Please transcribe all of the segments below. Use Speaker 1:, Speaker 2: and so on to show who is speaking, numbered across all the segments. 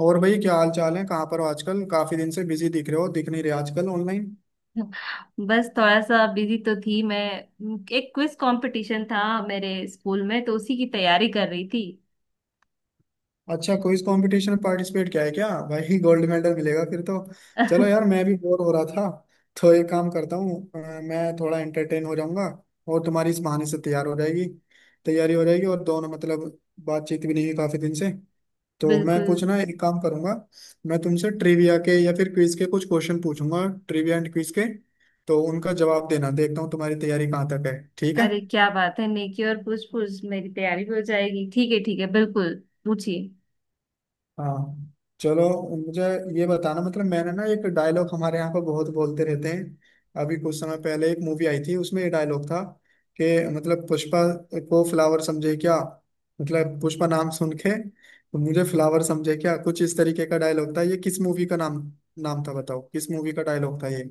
Speaker 1: और भाई क्या हाल चाल है? कहाँ पर हो आजकल? काफी दिन से बिजी दिख रहे हो, दिख नहीं रहे आजकल ऑनलाइन।
Speaker 2: बस थोड़ा सा बिजी तो थी मैं। एक क्विज कंपटीशन था मेरे स्कूल में, तो उसी की तैयारी कर रही थी।
Speaker 1: अच्छा, क्विज कंपटीशन में पार्टिसिपेट किया है क्या? भाई गोल्ड मेडल मिलेगा फिर तो। चलो यार, मैं भी बोर हो रहा था तो एक काम करता हूँ। मैं थोड़ा एंटरटेन हो जाऊंगा और तुम्हारी इस बहाने से तैयार हो जाएगी, तैयारी हो जाएगी। और दोनों मतलब बातचीत भी नहीं हुई काफी दिन से, तो मैं
Speaker 2: बिल्कुल।
Speaker 1: कुछ ना एक काम करूंगा। मैं तुमसे ट्रिविया के या फिर क्विज के कुछ क्वेश्चन पूछूंगा, ट्रिविया एंड क्विज के। तो उनका जवाब देना, देखता हूँ तुम्हारी तैयारी कहाँ तक है। ठीक है?
Speaker 2: अरे, क्या बात है, नेकी और पूछ पूछ, मेरी तैयारी भी हो जाएगी। ठीक है, ठीक है, बिल्कुल। पूछिए।
Speaker 1: हाँ, चलो। मुझे ये बताना, मतलब मैंने ना एक डायलॉग हमारे यहाँ पर बहुत बोलते रहते हैं, अभी कुछ समय पहले एक मूवी आई थी उसमें ये डायलॉग था कि मतलब पुष्पा को फ्लावर समझे क्या, मतलब पुष्पा नाम सुन के तो मुझे फ्लावर समझे क्या, कुछ इस तरीके का डायलॉग था। ये किस मूवी का नाम नाम था बताओ, किस मूवी का डायलॉग था ये?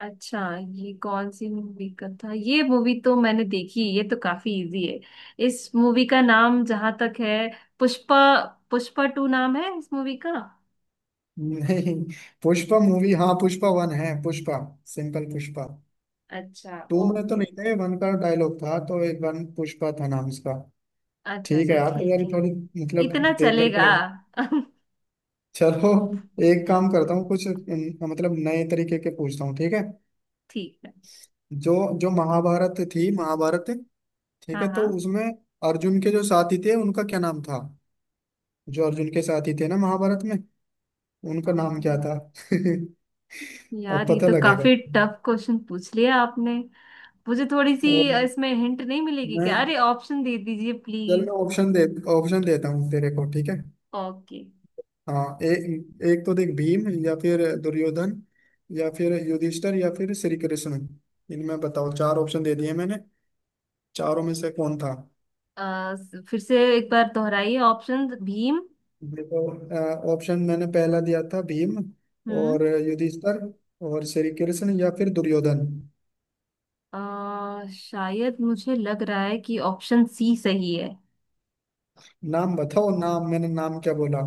Speaker 2: अच्छा, ये कौन सी मूवी का था? ये मूवी तो मैंने देखी, ये तो काफी इजी है। इस मूवी का नाम जहां तक है, पुष्पा। पुष्पा टू नाम है इस मूवी का।
Speaker 1: नहीं, पुष्पा मूवी। हाँ पुष्पा वन है, पुष्पा, सिंपल पुष्पा।
Speaker 2: अच्छा,
Speaker 1: टू में तो
Speaker 2: ओके।
Speaker 1: नहीं था ये, वन का डायलॉग था, तो एक वन पुष्पा था नाम इसका।
Speaker 2: अच्छा
Speaker 1: ठीक है
Speaker 2: अच्छा,
Speaker 1: यार। तो यार
Speaker 2: ठीक है।
Speaker 1: थोड़ी मतलब
Speaker 2: इतना
Speaker 1: देख करके
Speaker 2: चलेगा।
Speaker 1: लग... चलो एक काम करता हूँ, कुछ मतलब नए तरीके के पूछता हूँ, ठीक है।
Speaker 2: ठीक है।
Speaker 1: जो जो महाभारत थी, महाभारत, ठीक
Speaker 2: हाँ
Speaker 1: है,
Speaker 2: हाँ।
Speaker 1: तो उसमें अर्जुन के जो साथी थे उनका क्या नाम था? जो अर्जुन के साथी थे ना महाभारत में, उनका नाम क्या
Speaker 2: अम्म,
Speaker 1: था? अब
Speaker 2: यार, ये
Speaker 1: पता
Speaker 2: तो
Speaker 1: लगेगा।
Speaker 2: काफी टफ क्वेश्चन पूछ लिया आपने। मुझे थोड़ी सी
Speaker 1: और
Speaker 2: इसमें हिंट नहीं मिलेगी क्या?
Speaker 1: मैं...
Speaker 2: अरे, ऑप्शन दे दीजिए
Speaker 1: चल
Speaker 2: प्लीज।
Speaker 1: मैं ऑप्शन दे, ऑप्शन देता हूँ तेरे को, ठीक है।
Speaker 2: ओके।
Speaker 1: हाँ एक एक तो देख, भीम या फिर दुर्योधन या फिर युधिष्ठिर या फिर श्री कृष्ण। इनमें बताओ, चार ऑप्शन दे दिए मैंने, चारों में से कौन था?
Speaker 2: फिर से एक बार दोहराइए ऑप्शन। भीम।
Speaker 1: देखो, ऑप्शन मैंने पहला दिया था भीम
Speaker 2: हम्म।
Speaker 1: और युधिष्ठिर और श्री कृष्ण या फिर दुर्योधन।
Speaker 2: शायद मुझे लग रहा है कि ऑप्शन सी सही है।
Speaker 1: नाम बताओ, नाम मैंने नाम क्या बोला?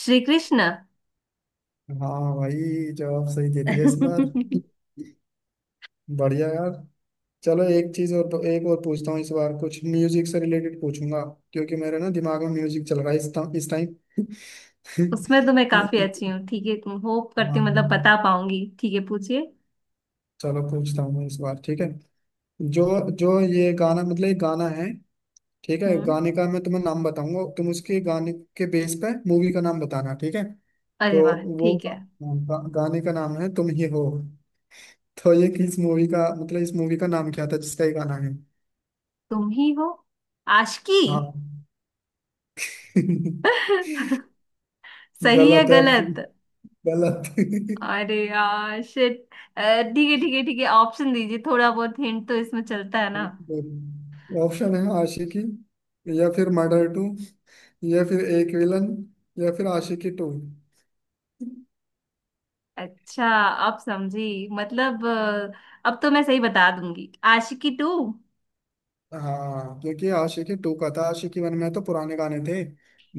Speaker 2: श्री कृष्ण।
Speaker 1: हाँ भाई, जवाब सही दे दिया इस बार। बढ़िया यार। चलो एक चीज और, तो एक और पूछता हूँ इस बार। कुछ म्यूजिक से रिलेटेड पूछूंगा, क्योंकि मेरे ना दिमाग में म्यूजिक चल रहा है इस टाइम, इस
Speaker 2: उसमें तो मैं
Speaker 1: टाइम।
Speaker 2: काफी अच्छी हूँ, ठीक है। होप करती
Speaker 1: हाँ,
Speaker 2: हूँ, मतलब बता पाऊंगी। ठीक है, पूछिए।
Speaker 1: चलो पूछता हूँ मैं इस बार, ठीक है। जो जो ये गाना, मतलब ये गाना है, ठीक है,
Speaker 2: हम्म।
Speaker 1: गाने का मैं तुम्हें नाम बताऊंगा, तुम उसके गाने के बेस पे मूवी का नाम बताना, ठीक है।
Speaker 2: अरे
Speaker 1: तो
Speaker 2: वाह,
Speaker 1: वो
Speaker 2: ठीक है।
Speaker 1: गाने का नाम है तुम ही हो। तो ये किस मूवी का, मतलब इस मूवी का नाम क्या था जिसका ये गाना है?
Speaker 2: तुम ही हो। आशिकी।
Speaker 1: हाँ।
Speaker 2: सही है,
Speaker 1: गलत है,
Speaker 2: गलत?
Speaker 1: गलत।
Speaker 2: अरे यार, शिट। ठीक है, ठीक है, ठीक है, ऑप्शन दीजिए, थोड़ा बहुत हिंट तो इसमें चलता है ना।
Speaker 1: ऑप्शन है आशिकी या फिर मर्डर टू या फिर एक विलन या फिर आशिकी टू।
Speaker 2: अच्छा। अब समझी, मतलब अब तो मैं सही बता दूंगी। आशिकी टू।
Speaker 1: हाँ क्योंकि आशिकी टू का था। आशिकी वन में तो पुराने गाने थे,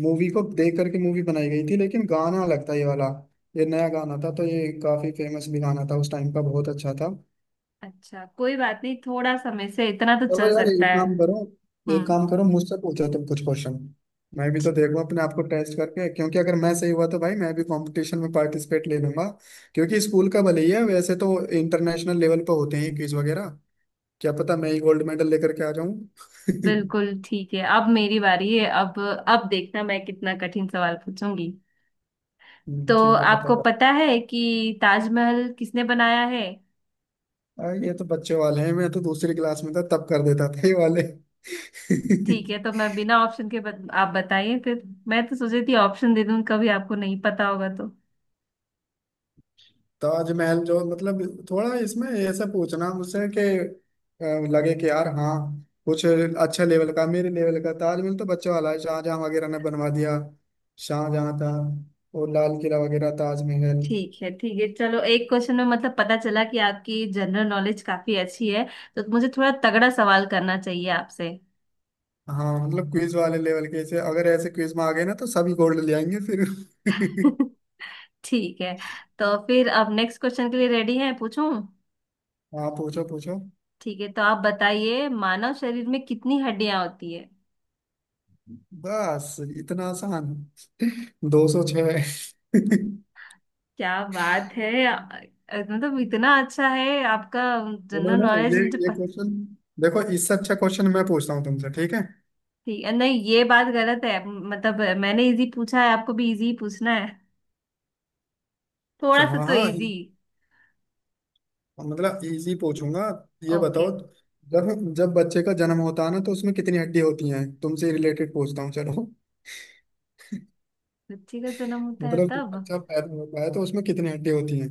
Speaker 1: मूवी को देख करके मूवी बनाई गई थी, लेकिन गाना लगता है ये वाला, ये नया गाना था, तो ये काफी फेमस भी गाना था उस टाइम का, बहुत अच्छा था।
Speaker 2: अच्छा, कोई बात नहीं, थोड़ा समय से इतना तो
Speaker 1: चलो
Speaker 2: चल
Speaker 1: यार,
Speaker 2: सकता है।
Speaker 1: एक
Speaker 2: हम्म।
Speaker 1: काम करो, मुझसे पूछो तुम कुछ क्वेश्चन, मैं भी तो देखूं अपने आप को टेस्ट करके। क्योंकि अगर मैं सही हुआ तो भाई मैं भी कंपटीशन में पार्टिसिपेट ले लूंगा। क्योंकि स्कूल का भले ही है, वैसे तो इंटरनेशनल लेवल पर होते हैं क्विज वगैरह। क्या पता मैं ही गोल्ड मेडल लेकर के आ जाऊं।
Speaker 2: बिल्कुल ठीक है, अब मेरी बारी है। अब देखना मैं कितना कठिन सवाल पूछूंगी। तो
Speaker 1: ठीक है, पता
Speaker 2: आपको
Speaker 1: कर।
Speaker 2: पता है कि ताजमहल किसने बनाया है?
Speaker 1: आ, ये तो बच्चे वाले हैं, मैं तो दूसरी क्लास में था तब कर देता था ये वाले।
Speaker 2: ठीक है, तो मैं बिना ऑप्शन के आप बताइए फिर। मैं तो सोची थी ऑप्शन दे दूं, कभी आपको नहीं पता होगा तो।
Speaker 1: ताजमहल जो मतलब थोड़ा इसमें ऐसा पूछना मुझसे कि अ, लगे कि यार हाँ कुछ अच्छा लेवल का, मेरे लेवल का। ताजमहल तो बच्चों वाला है, शाहजहां वगैरह ने बनवा दिया, शाहजहां था। और लाल किला वगैरह, ताजमहल।
Speaker 2: ठीक है, ठीक है, चलो, एक क्वेश्चन में मतलब पता चला कि आपकी जनरल नॉलेज काफी अच्छी है। तो मुझे थोड़ा तगड़ा सवाल करना चाहिए आपसे।
Speaker 1: हाँ मतलब क्विज वाले लेवल के, ऐसे अगर ऐसे क्विज में आ गए ना तो सभी गोल्ड ले आएंगे फिर।
Speaker 2: ठीक है। तो फिर अब नेक्स्ट क्वेश्चन के लिए रेडी हैं, पूछूं?
Speaker 1: हाँ, पूछो पूछो।
Speaker 2: ठीक है, तो आप बताइए, मानव शरीर में कितनी हड्डियां होती है?
Speaker 1: बस इतना आसान? 206।
Speaker 2: क्या बात है! मतलब इतना अच्छा है आपका
Speaker 1: बोलो
Speaker 2: जनरल
Speaker 1: ना,
Speaker 2: नॉलेज।
Speaker 1: ये
Speaker 2: मुझे
Speaker 1: ये क्वेश्चन देखो, इससे अच्छा क्वेश्चन मैं पूछता हूँ तुमसे, ठीक है।
Speaker 2: ठीक है, नहीं, ये बात गलत है, मतलब मैंने इजी पूछा है, आपको भी इजी पूछना है। थोड़ा
Speaker 1: अच्छा,
Speaker 2: सा
Speaker 1: हाँ
Speaker 2: तो
Speaker 1: हाँ,
Speaker 2: इजी।
Speaker 1: मतलब इजी पूछूंगा। ये
Speaker 2: ओके।
Speaker 1: बताओ, जब जब बच्चे का जन्म होता है ना, तो उसमें कितनी हड्डी होती हैं? तुमसे रिलेटेड पूछता हूँ चलो,
Speaker 2: बच्चे का जन्म होता है
Speaker 1: मतलब जब
Speaker 2: तब।
Speaker 1: बच्चा पैदा होता है तो उसमें कितनी हड्डी होती हैं?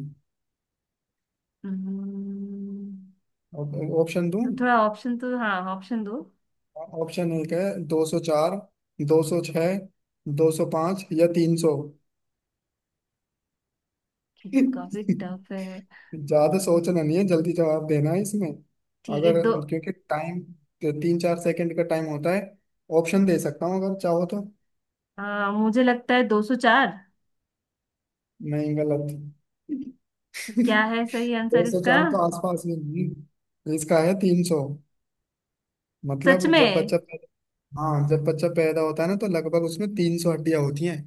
Speaker 2: हम्म,
Speaker 1: ऑप्शन दूं?
Speaker 2: तो थोड़ा ऑप्शन तो, हाँ, ऑप्शन दो।
Speaker 1: ऑप्शन एक है 204, 206, 205 या 300।
Speaker 2: ये तो काफी
Speaker 1: ज्यादा
Speaker 2: टफ है। हम्म,
Speaker 1: सोचना नहीं है, जल्दी जवाब देना है इसमें।
Speaker 2: ठीक है,
Speaker 1: अगर...
Speaker 2: दो।
Speaker 1: क्योंकि टाइम, तीन चार सेकंड का टाइम होता है, ऑप्शन दे सकता हूँ अगर चाहो तो।
Speaker 2: मुझे लगता है 204।
Speaker 1: नहीं, गलत।
Speaker 2: तो क्या है सही
Speaker 1: दो
Speaker 2: आंसर
Speaker 1: सौ
Speaker 2: इसका?
Speaker 1: चार तो आसपास ही है। तो इसका है 300।
Speaker 2: सच
Speaker 1: मतलब जब
Speaker 2: में?
Speaker 1: बच्चा पैदा... हाँ, जब बच्चा पैदा होता है ना तो लगभग उसमें 300 हड्डियां होती हैं।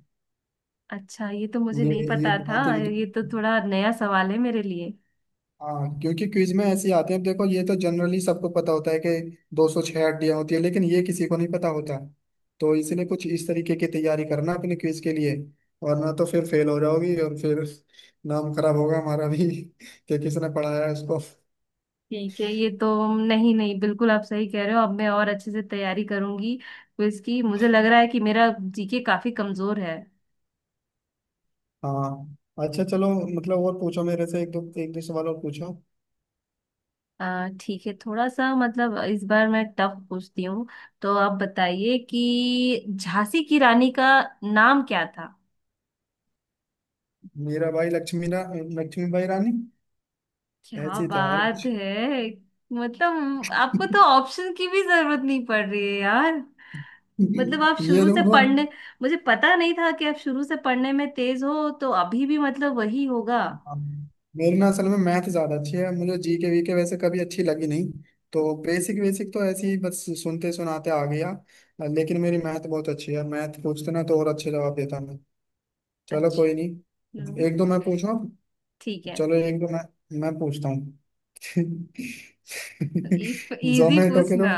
Speaker 2: अच्छा, ये तो मुझे
Speaker 1: ये
Speaker 2: नहीं
Speaker 1: ये
Speaker 2: पता
Speaker 1: बहुत
Speaker 2: था,
Speaker 1: इंट-
Speaker 2: ये तो थोड़ा नया सवाल है मेरे लिए।
Speaker 1: हाँ क्योंकि क्विज में ऐसे ही आते हैं। देखो, ये तो जनरली सबको पता होता है कि 206 हड्डियां होती है, लेकिन ये किसी को नहीं पता होता, तो इसलिए कुछ इस तरीके की तैयारी करना अपने क्विज के लिए, वरना तो फिर फेल हो जाओगी और फिर नाम खराब होगा हमारा भी। कि किसने पढ़ाया है उसको।
Speaker 2: ठीक है, ये तो नहीं नहीं, बिल्कुल आप सही कह रहे हो। अब मैं और अच्छे से तैयारी करूंगी क्विज की। मुझे लग रहा है कि मेरा जीके काफी कमजोर है।
Speaker 1: हाँ। अच्छा चलो, मतलब और पूछो मेरे से, एक दो, एक दो सवाल और पूछो।
Speaker 2: ठीक है, थोड़ा सा मतलब इस बार मैं टफ पूछती हूँ। तो आप बताइए कि झांसी की रानी का नाम क्या था?
Speaker 1: मेरा भाई, लक्ष्मी भाई रानी।
Speaker 2: क्या
Speaker 1: ऐसे ही था यार
Speaker 2: बात
Speaker 1: कुछ।
Speaker 2: है! मतलब आपको तो ऑप्शन की भी जरूरत नहीं पड़ रही है यार। मतलब आप
Speaker 1: ये
Speaker 2: शुरू
Speaker 1: जो
Speaker 2: से
Speaker 1: मतलब
Speaker 2: पढ़ने, मुझे पता नहीं था कि आप शुरू से पढ़ने में तेज हो, तो अभी भी मतलब वही होगा।
Speaker 1: हाँ, मेरी ना असल में मैथ ज्यादा अच्छी है, मुझे जी के वी के वैसे कभी अच्छी लगी नहीं। तो बेसिक बेसिक तो ऐसे ही बस सुनते सुनाते आ गया। लेकिन मेरी मैथ बहुत अच्छी है, मैथ पूछते ना तो और अच्छे जवाब देता मैं। चलो
Speaker 2: अच्छा।
Speaker 1: कोई नहीं,
Speaker 2: हम्म।
Speaker 1: एक दो मैं पूछूं।
Speaker 2: ठीक है।
Speaker 1: चलो एक दो मैं पूछता हूँ।
Speaker 2: इजी
Speaker 1: जोमेटो के जो...
Speaker 2: पूछना।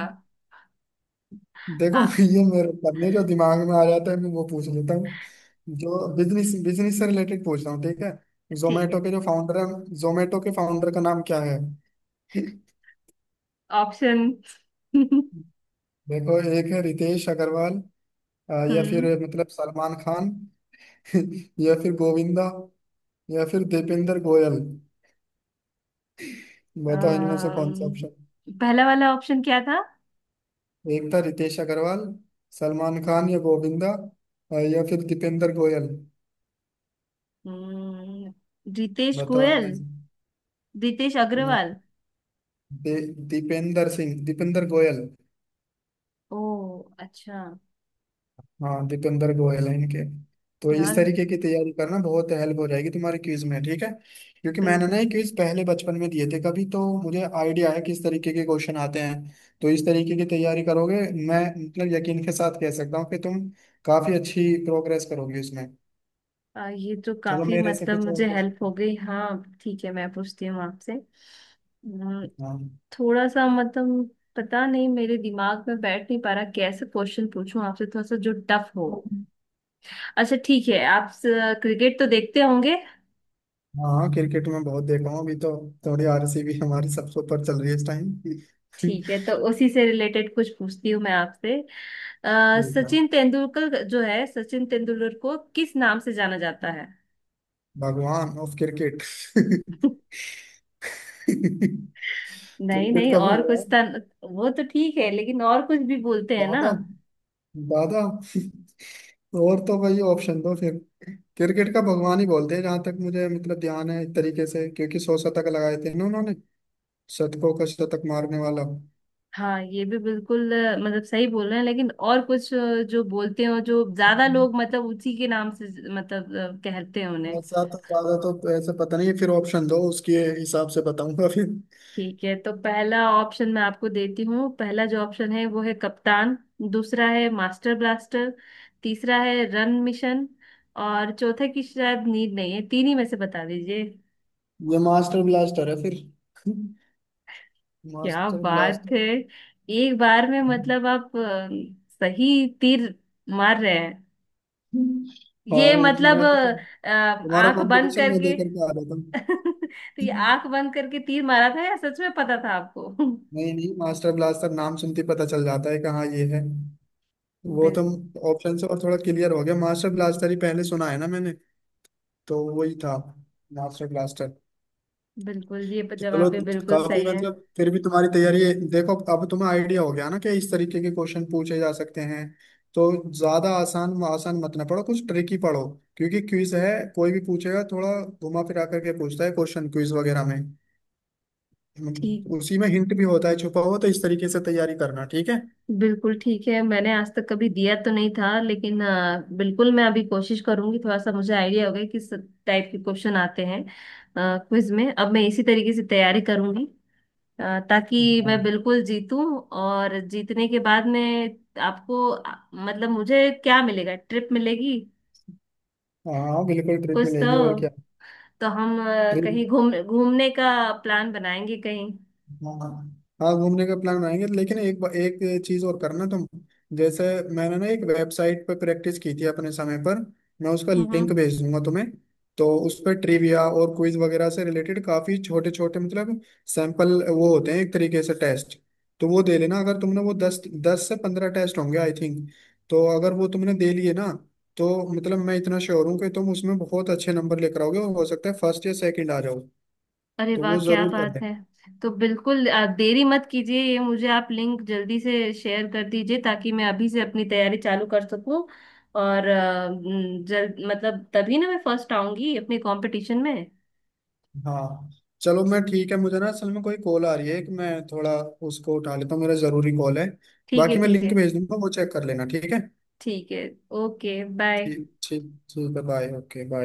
Speaker 1: देखो
Speaker 2: हाँ।
Speaker 1: ये मेरे पन्ने जो दिमाग में आ जाता है मैं वो पूछ लेता हूँ। जो बिजनेस बिजनेस से रिलेटेड पूछ रहा हूँ, ठीक है।
Speaker 2: ठीक
Speaker 1: जोमेटो
Speaker 2: है।
Speaker 1: के जो फाउंडर है, जोमेटो के फाउंडर का नाम क्या है?
Speaker 2: ऑप्शन। हम्म।
Speaker 1: देखो एक है रितेश अग्रवाल, या फिर मतलब सलमान खान या फिर गोविंदा या फिर दीपेंद्र गोयल। बताओ इनमें से कौन सा
Speaker 2: अम्म,
Speaker 1: ऑप्शन?
Speaker 2: पहला वाला ऑप्शन क्या था?
Speaker 1: एक था रितेश अग्रवाल, सलमान खान या गोविंदा, या फिर दीपेंद्र गोयल।
Speaker 2: हम्म, रितेश
Speaker 1: बताओ इनमें
Speaker 2: गोयल।
Speaker 1: से।
Speaker 2: रितेश अग्रवाल।
Speaker 1: दीपेंद्र सिंह, दीपेंद्र गोयल।
Speaker 2: ओ, अच्छा
Speaker 1: हाँ दीपेंद्र गोयल है इनके। तो इस
Speaker 2: यार,
Speaker 1: तरीके की तैयारी करना बहुत हेल्प हो जाएगी तुम्हारे क्विज में, ठीक है। क्योंकि मैंने ना
Speaker 2: बिल्कुल।
Speaker 1: ये क्विज पहले बचपन में दिए थे कभी, तो मुझे आइडिया है किस तरीके के क्वेश्चन आते हैं। तो इस तरीके की तैयारी करोगे, मैं मतलब यकीन के साथ कह सकता हूँ कि तुम काफी अच्छी प्रोग्रेस करोगे उसमें।
Speaker 2: ये तो
Speaker 1: चलो
Speaker 2: काफी,
Speaker 1: मेरे से
Speaker 2: मतलब,
Speaker 1: कुछ
Speaker 2: मुझे
Speaker 1: और
Speaker 2: हेल्प हो गई। हाँ, ठीक है, मैं पूछती हूँ आपसे।
Speaker 1: हाँ।
Speaker 2: थोड़ा सा, मतलब, पता नहीं मेरे दिमाग में बैठ नहीं पा रहा कैसे क्वेश्चन पूछूं आपसे थोड़ा सा जो टफ हो। अच्छा, ठीक है, आप क्रिकेट तो देखते होंगे।
Speaker 1: हाँ क्रिकेट में बहुत देखा हूँ, अभी तो थोड़ी आरसीबी हमारी सबसे ऊपर चल रही है इस टाइम।
Speaker 2: ठीक है, तो उसी से रिलेटेड कुछ पूछती हूँ मैं आपसे। सचिन तेंदुलकर जो है, सचिन तेंदुलकर को किस नाम से जाना जाता है?
Speaker 1: भगवान ऑफ क्रिकेट।
Speaker 2: नहीं
Speaker 1: क्रिकेट
Speaker 2: नहीं,
Speaker 1: का
Speaker 2: और कुछ
Speaker 1: भगवान।
Speaker 2: था। वो तो ठीक है, लेकिन और कुछ भी बोलते हैं ना।
Speaker 1: दादा, दादा। और तो भाई ऑप्शन दो फिर। क्रिकेट का भगवान ही बोलते हैं जहां तक मुझे मतलब ध्यान है, एक तरीके से, क्योंकि 100 शतक लगाए थे ना उन्होंने, शतकों का शतक मारने वाला।
Speaker 2: हाँ, ये भी बिल्कुल मतलब सही बोल रहे हैं, लेकिन और कुछ जो बोलते हैं और जो ज्यादा लोग मतलब उसी के नाम से मतलब कहते हैं उन्हें।
Speaker 1: ऐसा तो ज्यादा तो ऐसे पता नहीं है, फिर ऑप्शन दो उसके हिसाब से बताऊंगा फिर।
Speaker 2: ठीक है, तो पहला ऑप्शन मैं आपको देती हूँ। पहला जो ऑप्शन है वो है कप्तान। दूसरा है मास्टर ब्लास्टर। तीसरा है रन मिशन। और चौथे की शायद नीड नहीं है, तीन ही में से बता दीजिए।
Speaker 1: ये मास्टर ब्लास्टर है फिर,
Speaker 2: क्या
Speaker 1: मास्टर
Speaker 2: बात
Speaker 1: ब्लास्टर।
Speaker 2: है! एक बार में, मतलब आप सही तीर मार रहे हैं। ये,
Speaker 1: हाँ
Speaker 2: मतलब,
Speaker 1: इसमें तो तुम्हारा
Speaker 2: आंख बंद
Speaker 1: कंपटीशन मैं
Speaker 2: करके।
Speaker 1: देख करके आ रहा
Speaker 2: तो
Speaker 1: था।
Speaker 2: ये आंख बंद करके तीर मारा था या सच में पता था आपको?
Speaker 1: नहीं नहीं, मास्टर ब्लास्टर नाम सुनते ही पता चल जाता है कहाँ ये है। वो तो
Speaker 2: बिल,
Speaker 1: ऑप्शन से और थोड़ा क्लियर हो गया, मास्टर ब्लास्टर ही पहले सुना है ना मैंने, तो वही था मास्टर ब्लास्टर।
Speaker 2: बिल्कुल, ये जवाब
Speaker 1: चलो
Speaker 2: भी बिल्कुल
Speaker 1: काफी
Speaker 2: सही है।
Speaker 1: मतलब फिर भी तुम्हारी तैयारी है। देखो अब तुम्हें आइडिया हो गया ना कि इस तरीके के क्वेश्चन पूछे जा सकते हैं। तो ज्यादा आसान आसान मत ना पढ़ो, कुछ ट्रिकी पढ़ो। क्योंकि क्विज है, कोई भी पूछेगा थोड़ा घुमा फिरा करके पूछता है क्वेश्चन, क्विज वगैरह में
Speaker 2: ठीक।
Speaker 1: मतलब उसी में हिंट भी होता है छुपा हुआ। तो इस तरीके से तैयारी करना, ठीक है।
Speaker 2: बिल्कुल ठीक है, मैंने आज तक कभी दिया तो नहीं था, लेकिन बिल्कुल मैं अभी कोशिश करूंगी। थोड़ा सा मुझे आइडिया हो गया किस टाइप के क्वेश्चन आते हैं क्विज में। अब मैं इसी तरीके से तैयारी करूंगी, ताकि
Speaker 1: हाँ।
Speaker 2: मैं बिल्कुल जीतूं। और जीतने के बाद में आपको मतलब मुझे क्या मिलेगा, ट्रिप मिलेगी?
Speaker 1: हाँ हाँ, बिल्कुल ट्रिप
Speaker 2: कुछ
Speaker 1: मिलेगी और
Speaker 2: तो
Speaker 1: क्या।
Speaker 2: तो हम कहीं
Speaker 1: ट्रिप,
Speaker 2: घूम घूमने का प्लान बनाएंगे कहीं।
Speaker 1: हाँ, हाँ घूमने का प्लान बनाएंगे। लेकिन एक चीज और करना तुम, जैसे मैंने ना एक वेबसाइट पर प्रैक्टिस की थी अपने समय पर, मैं उसका
Speaker 2: हम्म।
Speaker 1: लिंक भेज दूंगा तुम्हें। तो उस पर ट्रिविया और क्विज वगैरह से रिलेटेड काफी छोटे छोटे मतलब सैंपल वो होते हैं, एक तरीके से टेस्ट। तो वो दे लेना, अगर तुमने वो दस 10 से 15 टेस्ट होंगे आई थिंक। तो अगर वो तुमने दे लिए ना, तो मतलब मैं इतना श्योर हूँ कि तुम उसमें बहुत अच्छे नंबर लेकर आओगे, और हो सकता है फर्स्ट या सेकंड आ जाओ।
Speaker 2: अरे
Speaker 1: तो
Speaker 2: वाह,
Speaker 1: वो
Speaker 2: क्या
Speaker 1: जरूर कर
Speaker 2: बात
Speaker 1: लेंगे।
Speaker 2: है। तो बिल्कुल आप देरी मत कीजिए, ये मुझे आप लिंक जल्दी से शेयर कर दीजिए, ताकि मैं अभी से अपनी तैयारी चालू कर सकूं। और जल्द, मतलब, तभी ना मैं फर्स्ट आऊंगी अपने कंपटीशन में।
Speaker 1: हाँ चलो मैं, ठीक है, मुझे ना असल में कोई कॉल आ रही है, एक मैं थोड़ा उसको उठा लेता हूँ, मेरा जरूरी कॉल है।
Speaker 2: ठीक
Speaker 1: बाकी
Speaker 2: है,
Speaker 1: मैं
Speaker 2: ठीक है,
Speaker 1: लिंक भेज दूंगा, वो चेक कर लेना, ठीक है।
Speaker 2: ठीक है। Okay bye.
Speaker 1: ठीक, ठीक। ठीक है बाय, ओके बाय।